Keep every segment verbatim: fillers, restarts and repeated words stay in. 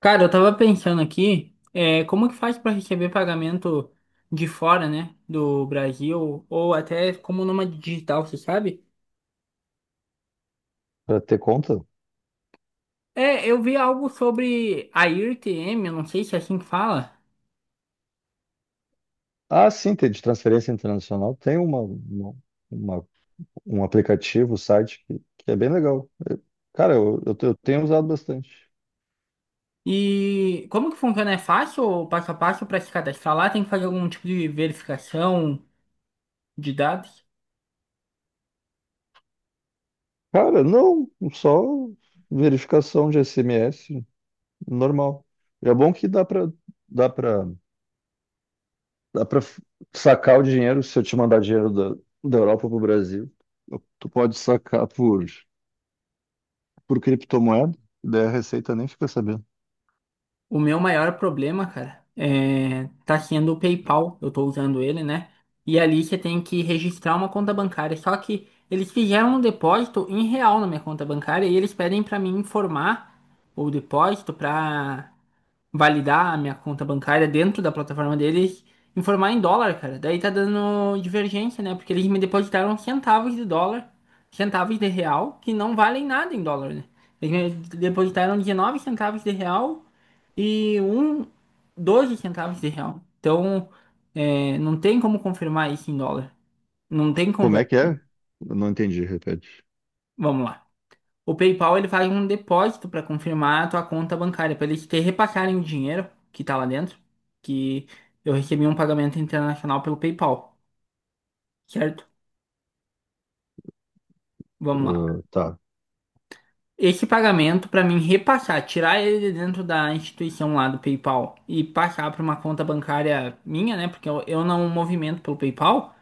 Cara, eu tava pensando aqui, é, como que faz pra receber pagamento de fora, né, do Brasil, ou até como nômade digital, você sabe? Para ter conta? É, eu vi algo sobre a I R T M, eu não sei se é assim que fala, Ah, sim, tem de transferência internacional. Tem uma, uma, uma- um aplicativo, um site que, que é bem legal. Cara, eu, eu, te- eu tenho usado bastante. e como que funciona? É fácil, o passo a passo, pra se cadastrar lá? Tem que fazer algum tipo de verificação de dados? Cara, não, só verificação de S M S normal. E é bom que dá para dá para dá para sacar o dinheiro se eu te mandar dinheiro da, da Europa para o Brasil. Tu pode sacar por por criptomoeda, daí a Receita nem fica sabendo. O meu maior problema, cara, é, tá sendo o PayPal. Eu tô usando ele, né? E é ali você tem que registrar uma conta bancária. Só que eles fizeram um depósito em real na minha conta bancária e eles pedem pra mim informar o depósito pra validar a minha conta bancária dentro da plataforma deles, informar em dólar, cara. Daí tá dando divergência, né? Porque eles me depositaram centavos de dólar, centavos de real, que não valem nada em dólar, né? Eles me depositaram dezenove centavos de real e um, doze centavos de real. Então, é, não tem como confirmar isso em dólar. Não tem Como é conversa. que é? Eu não entendi, repete. Vamos lá. O PayPal ele faz um depósito para confirmar a tua conta bancária, para eles te repassarem o dinheiro que tá lá dentro, que eu recebi um pagamento internacional pelo PayPal, certo? Vamos lá. Ah, tá. Esse pagamento, para mim repassar, tirar ele de dentro da instituição lá do PayPal e passar para uma conta bancária minha, né? Porque eu, eu não movimento pelo PayPal.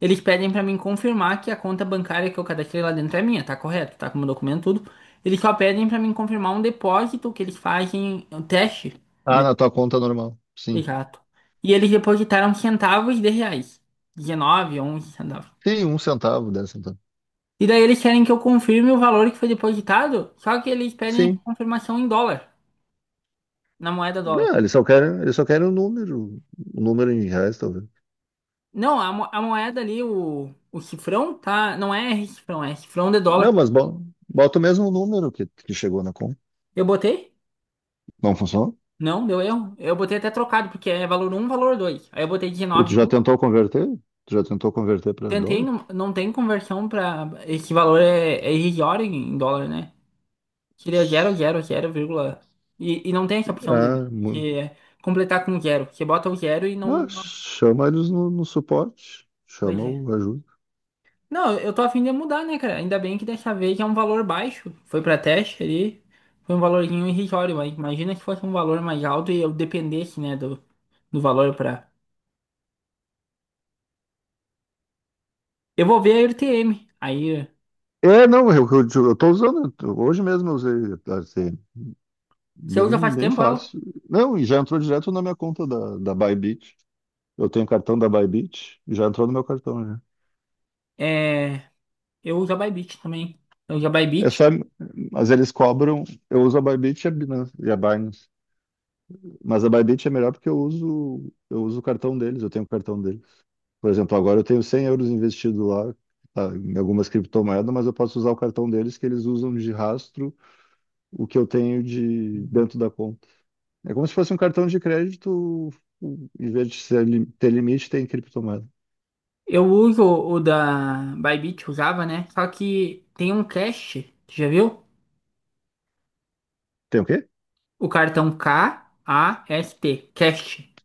Eles pedem pra mim confirmar que a conta bancária que eu cadastrei lá dentro é minha, tá correto, tá com o meu documento tudo. Eles só pedem pra mim confirmar um depósito que eles fazem, um teste. Um Ah, de- na tua conta normal. Sim. Exato. E eles depositaram centavos de reais. dezenove, onze centavos. Sim, um centavo, dez centavos. E daí eles querem que eu confirme o valor que foi depositado, só que eles pedem a Sim. confirmação em dólar, na moeda dólar. Não, eles só querem, eles só querem o número, o número em reais, talvez. Não, a, mo- a moeda ali, o, o cifrão, tá? Não é cifrão, é cifrão de Não, dólar. mas bo- bota o mesmo número que, que chegou na conta. Eu botei? Não funcionou? Não, deu erro. Eu botei até trocado, porque é valor um, valor dois. Aí eu botei Tu já dezenove vírgula um. tentou converter? Tu já tentou converter para Tentei, dólar? não, não tem conversão pra. Esse valor é, é irrisório em em dólar, né? Seria zero, zero, zero vírgula. E, e não tem essa opção dele, Ah, mu- que é completar com zero. Você bota o zero e não. ah, não- chama eles no, no suporte. Pois Chama é. o ajuda. Não, eu tô a fim de mudar, né, cara? Ainda bem que dessa vez é um valor baixo. Foi pra teste ali. Foi um valorzinho irrisório, mas imagina se fosse um valor mais alto e eu dependesse, né, do, do valor pra. Eu vou ver a R T M. Aí. É, não, eu, eu, eu tô usando. Hoje mesmo eu usei a cê eme. Você usa Bem, faz bem tempo ela? fácil. Não, e já entrou direto na minha conta da, da Bybit. Eu tenho cartão da Bybit, já entrou no meu cartão já. É, eu uso a Bybit também. Eu uso a É só, Bybit. mas eles cobram. Eu uso a Bybit e a Binance, e a Binance. Mas a Bybit é melhor porque eu uso, eu uso o cartão deles, eu tenho o cartão deles. Por exemplo, agora eu tenho cem euros investido lá, tá, em algumas criptomoedas, mas eu posso usar o cartão deles que eles usam de rastro o que eu tenho de dentro da conta. É como se fosse um cartão de crédito, em vez de ser lim- ter limite, tem criptomoeda. Eu uso o da Bybit, usava, né? Só que tem um cache, já viu? Tem o quê? O cartão K-A-S-T, cache.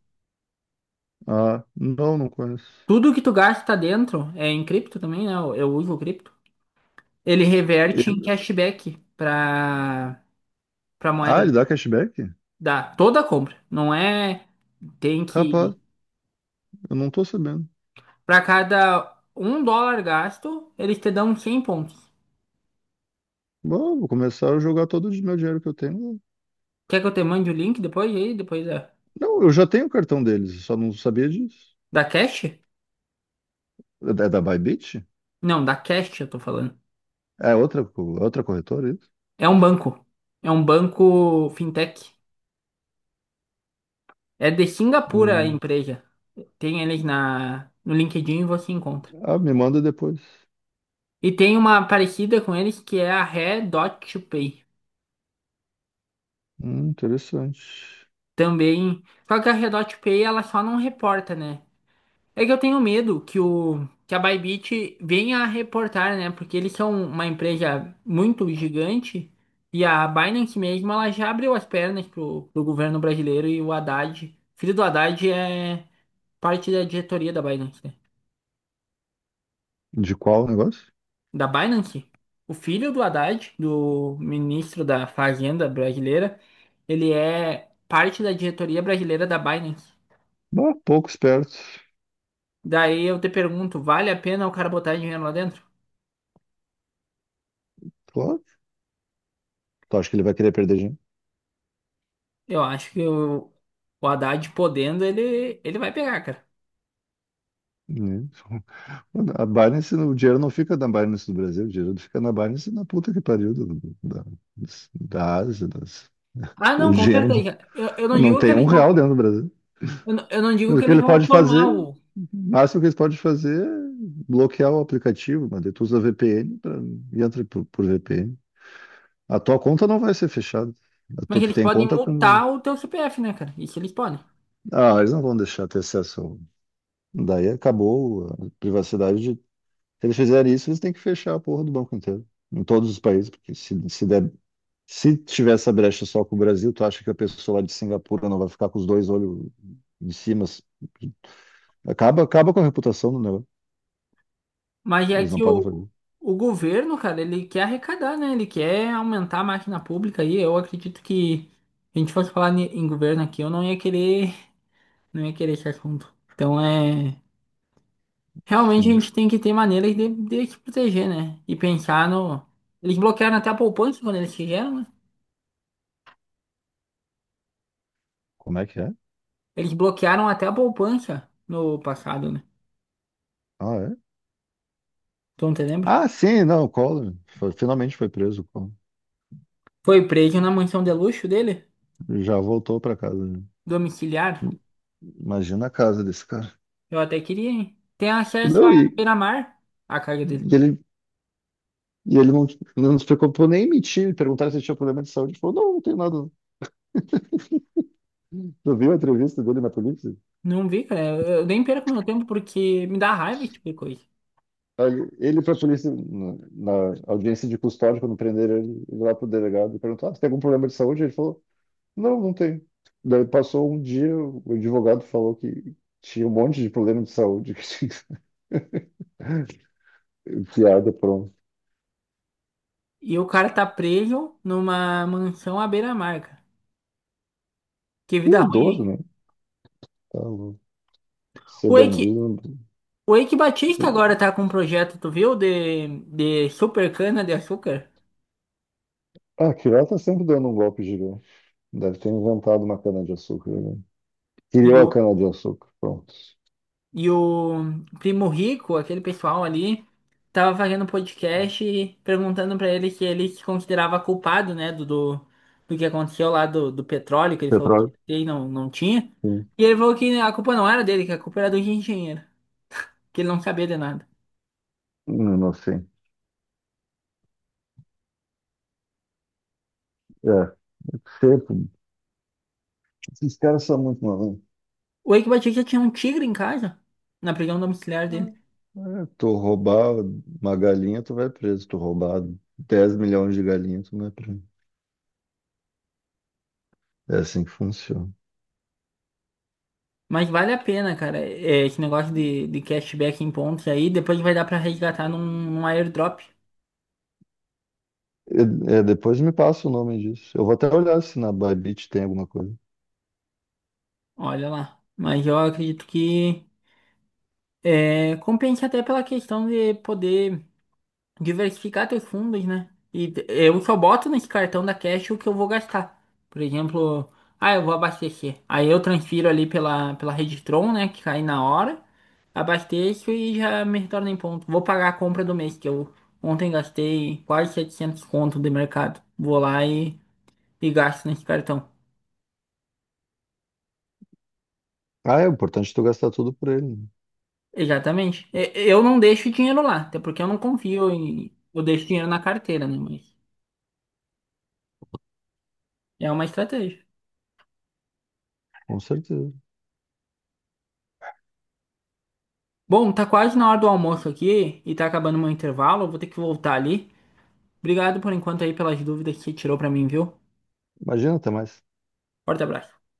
Ah, não, não conheço. Tudo que tu gasta dentro, é em cripto também, né? Eu, eu uso o cripto. Ele reverte em E- cashback pra, pra moeda Ah, ele dá cashback? da toda a compra. Não é, tem Capaz, que, eu não tô sabendo. pra cada um dólar gasto, eles te dão cem pontos. Bom, vou começar a jogar todo o meu dinheiro que eu tenho. Quer que eu te mande o link depois aí? Depois da. Não, eu já tenho o cartão deles, eu só não sabia disso. Da Cash? É da é da Bybit? Não, da Cash eu tô falando. É outra, co- outra corretora, é isso? É um banco. É um banco fintech. É de Singapura a Hum. empresa. Tem eles na, no LinkedIn e você encontra. Ah, me manda depois. E tem uma parecida com eles que é a Redot Pay. Hum, interessante. Também. Só que a Redot Pay ela só não reporta, né? É que eu tenho medo que o que a Bybit venha a reportar, né? Porque eles são uma empresa muito gigante e a Binance mesmo, ela já abriu as pernas pro, pro governo brasileiro e o Haddad, filho do Haddad é parte da diretoria da Binance, né? De qual negócio? Da Binance? O filho do Haddad, do ministro da Fazenda brasileira, ele é parte da diretoria brasileira da Binance. Bah, pouco esperto. Daí eu te pergunto, vale a pena o cara botar dinheiro lá dentro? Claro. Tu acha que ele vai querer perder dinheiro? Eu acho que o, o Haddad podendo, ele, ele vai pegar, cara. Hum. A Binance, o dinheiro não fica na Binance do Brasil, o dinheiro fica na Binance na puta que pariu do- da, da Ásia. Das... Ah, O não, com dinheiro certeza. não Eu, eu não não digo que tem um eles vão. real dentro do Brasil. Eu, não- eu não digo Mas o que que eles ele vão pode tomar fazer, o. o máximo que eles podem fazer é bloquear o aplicativo, mas tu usa V P N pra, e entra por, por V P N. A tua conta não vai ser fechada. A tua- Mas tu eles tem podem conta com. multar o teu C P F, né, cara? Isso eles podem. Ah, eles não vão deixar ter acesso ao- Daí acabou a privacidade de. Se eles fizerem isso, eles têm que fechar a porra do banco inteiro. Em todos os países, porque se, se der. Se tiver essa brecha só com o Brasil, tu acha que a pessoa lá de Singapura não vai ficar com os dois olhos em cima? Acaba, acaba com a reputação do negócio. Mas é Eles não que podem o, fazer. o governo, cara, ele quer arrecadar, né? Ele quer aumentar a máquina pública aí. Eu acredito que se a gente fosse falar ni- em governo aqui, eu não ia querer, não ia querer esse assunto. Então é. Realmente a Sim. gente tem que ter maneiras de, de se proteger, né? E pensar no. Eles bloquearam até a poupança quando eles fizeram, né? Como é que é? Eles bloquearam até a poupança no passado, né? Ah, é? Tu não te lembra? Ah, sim, não, o Collor. Foi- finalmente foi preso, o Collor. Foi preso na mansão de luxo dele, Já voltou pra casa, né? domiciliar. Imagina a casa desse cara. Eu até queria, hein? Tem acesso a Não, e, beira-mar, a casa dele. e ele, e ele não, não se preocupou nem em mentir. Perguntaram se ele tinha problema de saúde. Ele falou, não, não tenho nada. Tu viu a entrevista dele na polícia? Não vi, cara. Eu, eu nem perco meu tempo porque me dá raiva esse tipo de coisa. Aí ele, para a polícia, na, na audiência de custódia, quando prenderam ele, ele lá pro delegado, e perguntou, ah, você tem algum problema de saúde? Ele falou, não, não tem. Daí passou um dia, o advogado falou que tinha um monte de problema de saúde. Guiado por um E o cara tá preso numa mansão à beira-mar, cara. Que vida ruim, idoso, hein? né? Tá louco. Ser O Wake, bandido. O Eike Batista agora tá com um projeto, tu viu? De, de super cana de açúcar. Ah, aquilo lá tá sempre dando um golpe gigante. Deve ter inventado uma cana-de-açúcar, né? E Criou a o, cana-de-açúcar. Pronto. e o Primo Rico, aquele pessoal ali, tava fazendo um podcast e perguntando pra ele se ele se considerava culpado, né, do, do, do que aconteceu lá do, do petróleo, que ele falou que Petróleo? tinha e não, não tinha. Sim. E ele falou que a culpa não era dele, que a culpa era do engenheiro, que ele não sabia de nada. Hum, inocente. É, seco. Esses caras são muito malandros. O Eike Batista tinha um tigre em casa, na prisão domiciliar dele. É, tu roubar uma galinha, tu vai preso. Tu roubar dez milhões de galinhas, tu não é preso. É assim que funciona. Mas vale a pena, cara, é, esse negócio de, de cashback em pontos aí, depois vai dar pra resgatar num, num airdrop. É, é, depois me passa o nome disso. Eu vou até olhar se na Bybit tem alguma coisa. Olha lá. Mas eu acredito que é, compensa até pela questão de poder diversificar teus fundos, né? E t- eu só boto nesse cartão da Cash o que eu vou gastar. Por exemplo, ah, eu vou abastecer. Aí eu transfiro ali pela, pela rede Tron, né? Que cai na hora. Abasteço e já me retorna em ponto. Vou pagar a compra do mês, que eu ontem gastei quase setecentos conto de mercado. Vou lá e, e gasto nesse cartão. Ah, é importante tu gastar tudo por ele, né? Exatamente. E- Eu não deixo dinheiro lá, até porque eu não confio em. Eu deixo dinheiro na carteira, né? Mas é uma estratégia. Com certeza. Bom, tá quase na hora do almoço aqui e tá acabando meu intervalo. Eu vou ter que voltar ali. Obrigado por enquanto aí pelas dúvidas que você tirou pra mim, viu? Imagina, até mais. Forte abraço.